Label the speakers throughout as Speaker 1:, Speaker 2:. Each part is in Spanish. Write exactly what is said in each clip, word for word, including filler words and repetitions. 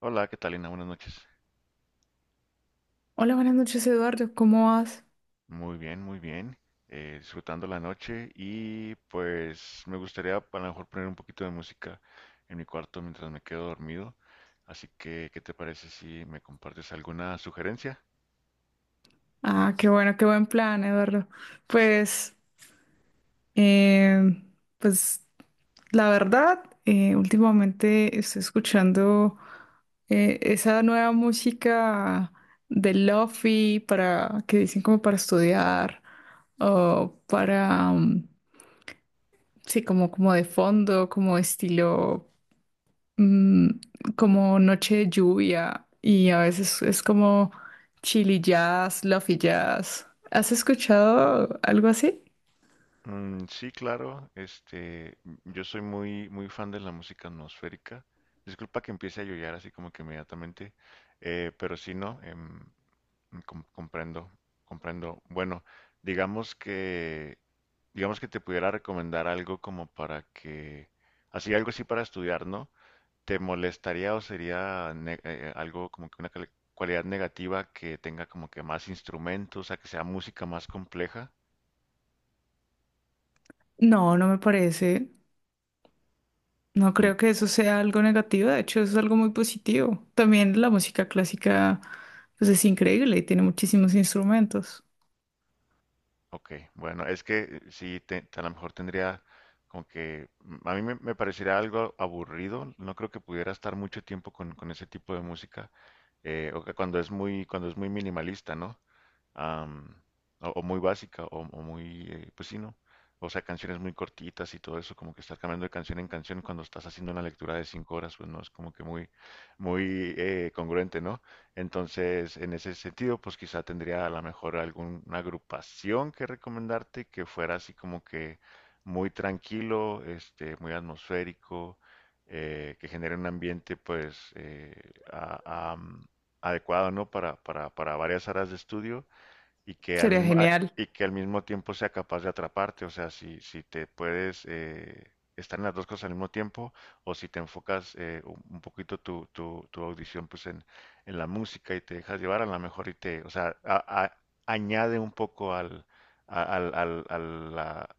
Speaker 1: Hola, ¿qué tal, Lina? Buenas noches.
Speaker 2: Hola, buenas noches, Eduardo. ¿Cómo vas?
Speaker 1: Muy bien, muy bien. Eh, disfrutando la noche y pues me gustaría a lo mejor poner un poquito de música en mi cuarto mientras me quedo dormido. Así que, ¿qué te parece si me compartes alguna sugerencia?
Speaker 2: Ah, qué bueno, qué buen plan, Eduardo. Pues, eh, pues, la verdad, eh, últimamente estoy escuchando eh, esa nueva música de lofi para que dicen como para estudiar o para, mm, sí, como como de fondo, como estilo. mm, Como noche de lluvia y a veces es como chili jazz, lofi jazz. ¿Has escuchado algo así?
Speaker 1: Mm, sí, claro. Este, m- yo soy muy, muy fan de la música atmosférica. Disculpa que empiece a llorar así como que inmediatamente, eh, pero sí, no. em, Mm, com- comprendo, comprendo. Bueno, digamos que, digamos que te pudiera recomendar algo como para que, así algo así para estudiar, ¿no? ¿Te molestaría o sería ne- eh, algo como que una cali- cualidad negativa que tenga como que más instrumentos, o sea, que sea música más compleja?
Speaker 2: No, no me parece. No
Speaker 1: Mm.
Speaker 2: creo que eso sea algo negativo, de hecho es algo muy positivo. También la música clásica pues es increíble y tiene muchísimos instrumentos.
Speaker 1: Ok, bueno, es que eh, sí, te- a lo mejor tendría como que, mm, a mí me, me parecería algo aburrido, no creo que pudiera estar mucho tiempo con, con ese tipo de música. Eh, o que cuando es muy, cuando es muy minimalista, ¿no? am, o, o muy básica o, o muy, eh, pues sí, ¿no? O sea, canciones muy cortitas y todo eso, como que estás cambiando de canción en canción cuando estás haciendo una lectura de cinco horas, pues no es como que muy, muy eh, congruente, ¿no? Entonces, en ese sentido, pues quizá tendría a lo mejor alguna agrupación que recomendarte que fuera así como que muy tranquilo, este, muy atmosférico, eh, que genere un ambiente, pues, eh, a- am- adecuado, ¿no? Para, para, para varias áreas de estudio y que al
Speaker 2: Sería
Speaker 1: mismo, a-
Speaker 2: genial.
Speaker 1: y que al mismo tiempo sea capaz de atraparte. O sea, si, si te puedes eh, estar en las dos cosas al mismo tiempo, o si te enfocas eh, un un poquito tu, tu, tu audición pues en, en la música y te dejas llevar, a lo mejor y te, o sea, a- a- añade un poco al, a, al- al- a la,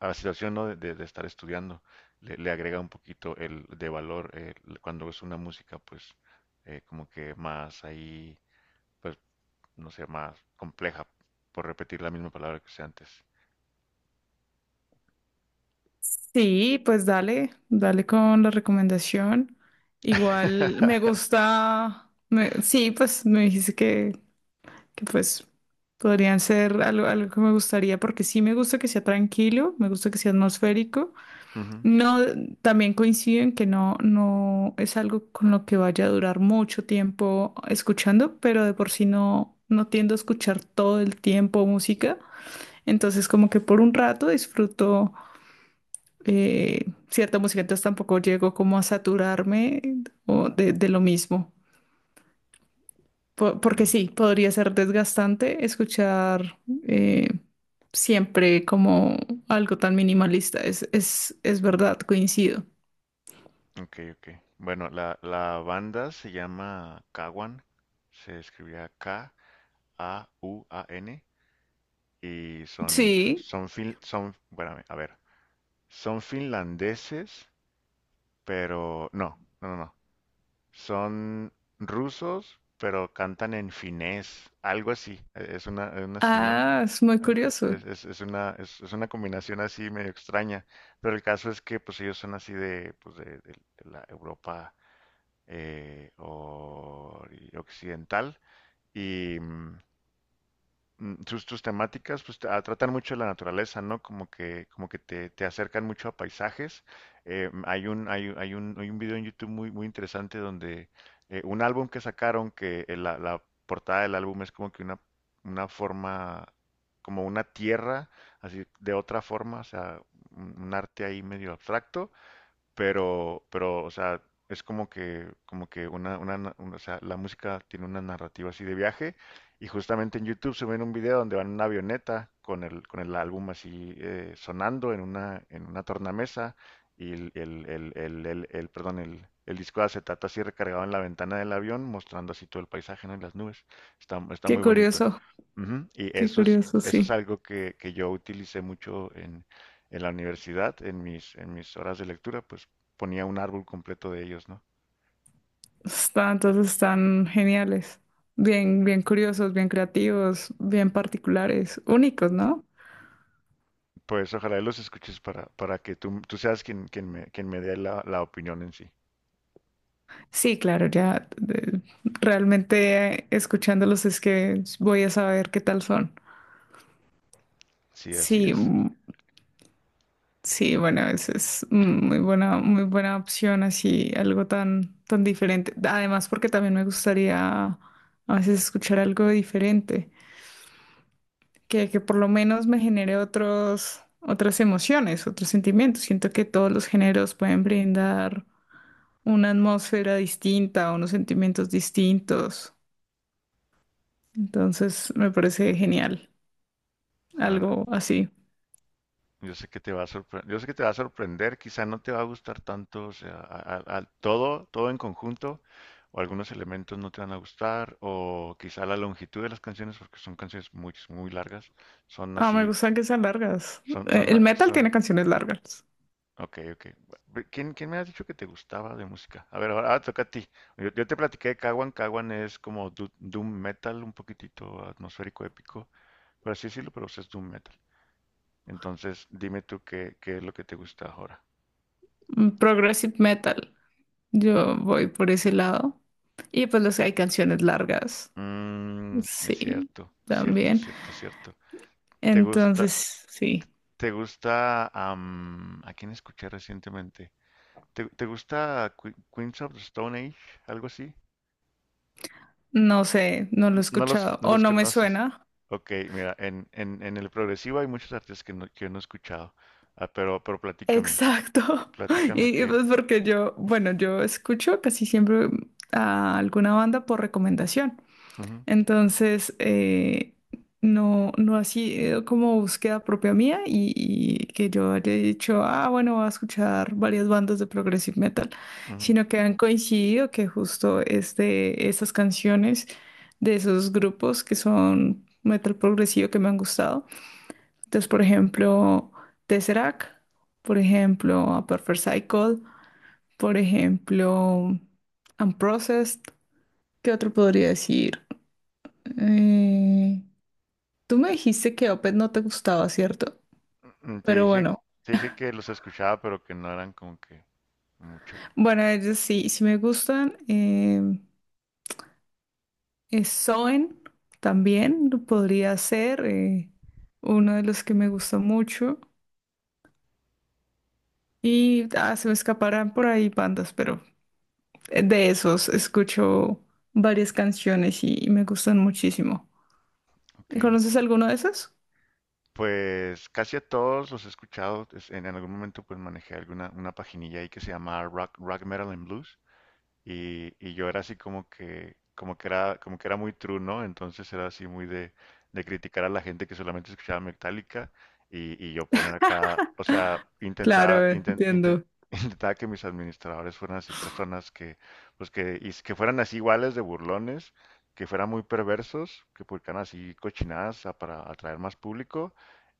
Speaker 1: a la situación, ¿no? De, de- de estar estudiando. Le, le agrega un poquito el de valor, eh, cuando es una música pues eh, como que más ahí, pues no sé, más compleja, por repetir la misma palabra que usé antes.
Speaker 2: Sí, pues dale, dale con la recomendación. Igual me gusta, me- sí, pues me dijiste que que pues podrían ser algo, algo que me gustaría, porque sí me gusta que sea tranquilo, me gusta que sea atmosférico.
Speaker 1: Ujú.
Speaker 2: No, también coincido en que no, no es algo con lo que vaya a durar mucho tiempo escuchando, pero de por sí no, no tiendo a escuchar todo el tiempo música. Entonces como que por un rato disfruto eh, cierta música, entonces tampoco llego como a saturarme o de, de lo mismo. Po- Porque
Speaker 1: Mm.
Speaker 2: sí, podría ser desgastante escuchar eh, siempre como algo tan minimalista. Es, es, es verdad, coincido.
Speaker 1: Ok, ok. Bueno, la, la banda se llama Kawan, se escribía K A U A N y son, f-
Speaker 2: Sí.
Speaker 1: son, fin, son, espérame, a ver, son finlandeses, pero no, no, no, no, son rusos, pero cantan en finés, algo así. E- es una, es una
Speaker 2: Ah, es muy
Speaker 1: Eh, eh,
Speaker 2: curioso.
Speaker 1: Es, es- es una, es, es una combinación así medio extraña, pero el caso es que pues ellos son así de, pues, de, de- de la Europa eh, ori- occidental y, mm, mm, sus, sus temáticas pues tra- tratan mucho de la naturaleza, ¿no? Como que, como que te, te acercan mucho a paisajes. Eh, mm, hay un, hay, un- hay un, hay un video en YouTube muy, muy interesante donde eh, un álbum que sacaron que eh, la, la portada del álbum es como que una, una forma, como una tierra, así de otra forma, o sea, un un arte ahí medio abstracto, pero, pero, o sea, es como que, como que una, una, na- una- o sea, la música tiene una narrativa así de viaje, y justamente en YouTube suben un video donde van en una avioneta con el, con el álbum así eh, sonando en una, en una tornamesa, y el, el, el, el, el- el- perdón, el, el disco de acetato así recargado en la ventana del avión, mostrando así todo el paisaje, ¿no? Y las nubes. Está, está
Speaker 2: Qué
Speaker 1: muy bonito.
Speaker 2: curioso,
Speaker 1: Ujú. Y
Speaker 2: qué
Speaker 1: eso es,
Speaker 2: curioso,
Speaker 1: eso es
Speaker 2: sí.
Speaker 1: algo que, que yo utilicé mucho en, en la universidad, en mis, en mis horas de lectura, pues ponía un árbol completo de ellos, ¿no?
Speaker 2: Están, entonces están geniales. Bien, bien curiosos, bien creativos, bien particulares, únicos, ¿no?
Speaker 1: Pues ojalá y los escuches para, para que tú, tú seas quien, quien me, quien me dé la, la opinión en sí.
Speaker 2: Sí, claro, ya de- realmente eh, escuchándolos es que voy a saber qué tal son.
Speaker 1: Sí, así
Speaker 2: Sí,
Speaker 1: es.
Speaker 2: mm, sí, bueno, esa es muy buena, muy buena opción, así, algo tan, tan diferente. Además, porque también me gustaría a veces escuchar algo diferente, que, que por lo menos me genere otros, otras emociones, otros sentimientos. Siento que todos los géneros pueden brindar una atmósfera distinta, unos sentimientos distintos. Entonces, me parece genial,
Speaker 1: Bueno,
Speaker 2: algo así.
Speaker 1: yo sé que te va a sorprender, yo sé que te va a sorprender, quizá no te va a gustar tanto, o sea, a- a- a- todo, todo en conjunto, o algunos elementos no te van a gustar, o quizá la longitud de las canciones, porque son canciones muy, muy largas, son
Speaker 2: Ah, me
Speaker 1: así.
Speaker 2: gustan que sean largas.
Speaker 1: Son,
Speaker 2: Eh,
Speaker 1: son,
Speaker 2: El
Speaker 1: la-
Speaker 2: metal
Speaker 1: son.
Speaker 2: tiene canciones largas.
Speaker 1: Ok, ok. Bu- ¿Quién, quién me has dicho que te gustaba de música? A ver, ahora, ah, toca a ti. Yo, yo te platiqué de Kawan. Kawan es como du- doom metal, un poquitito atmosférico, épico. Por así decirlo, pero es doom metal. Entonces, dime tú qué, qué es lo que te gusta ahora.
Speaker 2: Mm, Progressive metal. Yo voy por ese lado. Y pues los, hay canciones largas.
Speaker 1: Mm, es
Speaker 2: Sí,
Speaker 1: cierto, cierto,
Speaker 2: también.
Speaker 1: cierto, cierto. ¿Te gusta,
Speaker 2: Entonces, sí,
Speaker 1: te gusta, am, a quién escuché recientemente? ¿Te, te gusta Que- Queens of the Stone Age? ¿Algo así?
Speaker 2: no sé, no lo he
Speaker 1: N- No los,
Speaker 2: escuchado
Speaker 1: no
Speaker 2: o
Speaker 1: los
Speaker 2: no me
Speaker 1: conoces.
Speaker 2: suena.
Speaker 1: Ok, mira, en, en, en el progresivo hay muchos artistas que no, que no he escuchado. Ah, pero, pero platícame,
Speaker 2: Exacto.
Speaker 1: pl- platícame
Speaker 2: Y, y,
Speaker 1: que…
Speaker 2: pues porque yo, bueno, yo escucho casi siempre a alguna banda por recomendación.
Speaker 1: Ujú,
Speaker 2: Entonces, eh, no, no ha sido como búsqueda propia mía y, y que yo haya dicho, ah, bueno, voy a escuchar varias bandas de progressive metal,
Speaker 1: ujú.
Speaker 2: sino que han coincidido que justo es de esas canciones de esos grupos que son metal progresivo que me han gustado. Entonces, por ejemplo, Tesseract, por ejemplo, A Perfect Cycle, por ejemplo, Unprocessed, ¿qué otro podría decir? Eh, Tú me dijiste que Opet no te gustaba, ¿cierto?
Speaker 1: Mm, Te
Speaker 2: Pero
Speaker 1: dije,
Speaker 2: bueno,
Speaker 1: te dije que los escuchaba, pero que no eran como que mucho.
Speaker 2: bueno, ellos sí, sí me gustan. em, eh, Soen también podría ser eh, uno de los que me gusta mucho. Y ah, se me escaparán por ahí bandas, pero eh, de esos escucho varias canciones y, y me gustan muchísimo.
Speaker 1: Ok.
Speaker 2: ¿Conoces alguno de esos?
Speaker 1: Pues casi a todos los he escuchado. es- En algún momento pues manejé alguna una paginilla ahí que se llama Rock, Rock Metal and Blues. Y, y yo era así como que, como que era, como que era muy true, ¿no? Entonces era así muy de, de criticar a la gente que solamente escuchaba Metallica, y, y yo poner acá, o sea, intentaba,
Speaker 2: Claro, eh,
Speaker 1: inten- inten-
Speaker 2: entiendo.
Speaker 1: intentaba que mis administradores fueran así personas que, pues que, y que fueran así iguales de burlones, que fueran muy perversos, que publicaran así cochinadas, a- para atraer más público,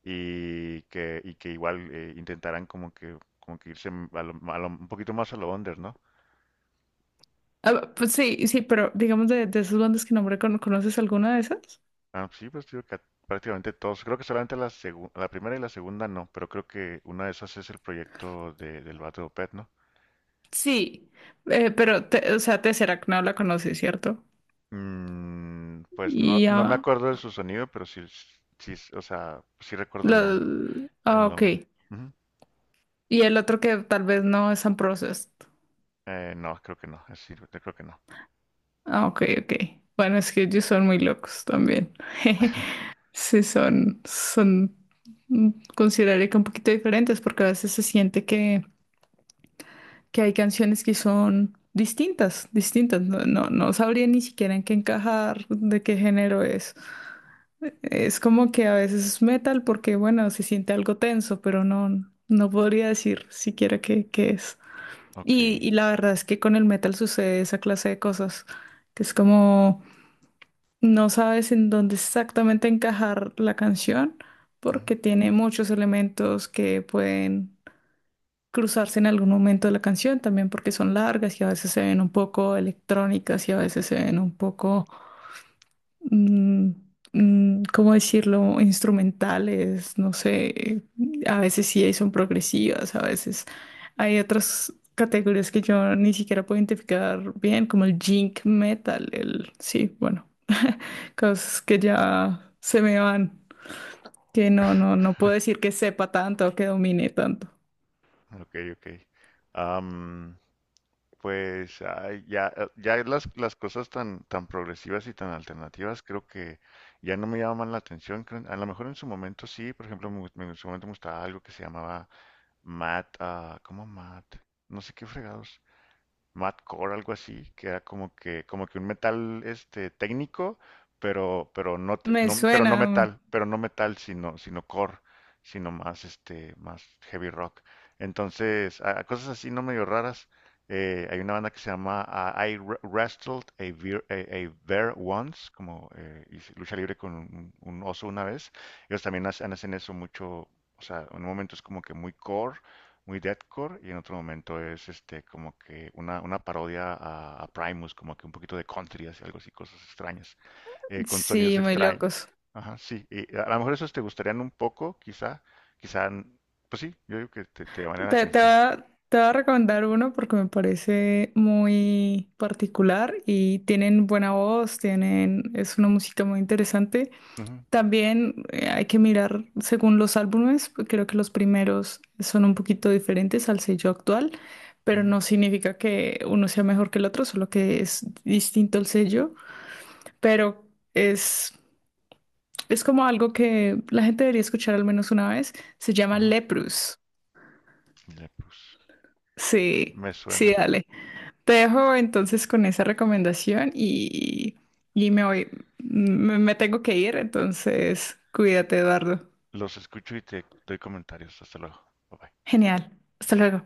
Speaker 1: y que, y que igual, eh, intentaran como que, como que irse a lo- a lo- un poquito más a lo under, ¿no?
Speaker 2: Ah, pues sí, sí, pero digamos de, de esas bandas que nombré, ¿cono- ¿conoces alguna de esas?
Speaker 1: Ah, sí, pues digo que prácticamente todos. Creo que solamente la segu- la primera y la segunda no, pero creo que una de esas es el proyecto de, del vato de Opeth, ¿no?
Speaker 2: Sí, eh, pero, te- o sea, Tesseract no la conoces, ¿cierto?
Speaker 1: Mm, pues no,
Speaker 2: Y
Speaker 1: no me
Speaker 2: ah,
Speaker 1: acuerdo de su sonido, pero sí, sí, sí, o sea, sí recuerdo el nombre,
Speaker 2: lo- ah,
Speaker 1: el
Speaker 2: ok.
Speaker 1: nombre. Ujú.
Speaker 2: Y el otro que tal vez no es Unprocessed.
Speaker 1: Eh, no, creo que no, es sí, yo creo que no.
Speaker 2: Ah, ok, ok. Bueno, es que ellos son muy locos también. Sí, son, son, mm, consideraría que un poquito diferentes porque a veces se siente que, que hay canciones que son distintas, distintas. No, no, no sabría ni siquiera en qué encajar, de qué género es. Es como que a veces es metal porque, bueno, se siente algo tenso, pero no, no podría decir siquiera qué, qué es.
Speaker 1: Ok.
Speaker 2: Y, y la verdad es que con el metal sucede esa clase de cosas, que es como no sabes en dónde exactamente encajar la canción
Speaker 1: Ujú.
Speaker 2: porque tiene muchos elementos que pueden cruzarse en algún momento de la canción, también porque son largas y a veces se ven un poco electrónicas y a veces se ven un poco mm, mm, ¿cómo decirlo? Instrumentales, no sé, a veces sí hay- son progresivas, a veces hay otras categorías que yo ni siquiera puedo identificar bien, como el jink metal, el, sí, bueno, cosas que ya se me van, que no, no, no puedo decir que sepa tanto o que domine tanto.
Speaker 1: Ok, ok. Am, Pues ay, ya, eh, ya las, las cosas tan, tan progresivas y tan alternativas creo que ya no me llaman la atención. creo- A lo mejor en su momento sí, por ejemplo, me gu- me- en su momento me gustaba algo que se llamaba Math, ah, ¿cómo Math? No sé qué fregados. Madcore, algo así, que era como que, como que un metal este técnico, pero, pero no, te-
Speaker 2: Me
Speaker 1: no- pero no
Speaker 2: suena,
Speaker 1: metal, pero no metal, sino, sino core, sino más este, más heavy rock. Entonces, a- a cosas así no medio raras. Eh, hay una banda que se llama, ah, I Wr- Wrestled a Bear, a- a Bear Once, como eh, hice lucha libre con un, un oso una vez. Ellos también hacen hacen eso mucho, o sea, en un momento es como que muy core, muy deathcore, y en otro momento es este como que una, una parodia a, a Primus, como que un poquito de country, así algo así, cosas extrañas, eh, con
Speaker 2: sí,
Speaker 1: sonidos
Speaker 2: muy
Speaker 1: extraños.
Speaker 2: locos.
Speaker 1: Ajá, sí, y a a lo mejor esos te gustarían un poco, quizá, quizá, n- pues sí, yo digo que te, te llaman la
Speaker 2: Te, te voy
Speaker 1: atención.
Speaker 2: a, te voy a recomendar uno porque me parece muy particular y tienen buena voz, tienen, es una música muy interesante.
Speaker 1: Ujú,
Speaker 2: También eh, hay que mirar según los álbumes, creo que los primeros son un poquito diferentes al sello actual, pero
Speaker 1: ujú,
Speaker 2: no significa que uno sea mejor que el otro, solo que es distinto el sello, pero es, es como algo que la gente debería escuchar al menos una vez. Se llama
Speaker 1: ujú.
Speaker 2: Leprous.
Speaker 1: Leprous,
Speaker 2: Sí,
Speaker 1: me
Speaker 2: sí,
Speaker 1: suena.
Speaker 2: dale. Te dejo entonces con esa recomendación y, y me voy, me me tengo que ir, entonces cuídate, Eduardo.
Speaker 1: Los escucho y te doy comentarios. Hasta luego. Bye bye.
Speaker 2: Genial. Hasta luego.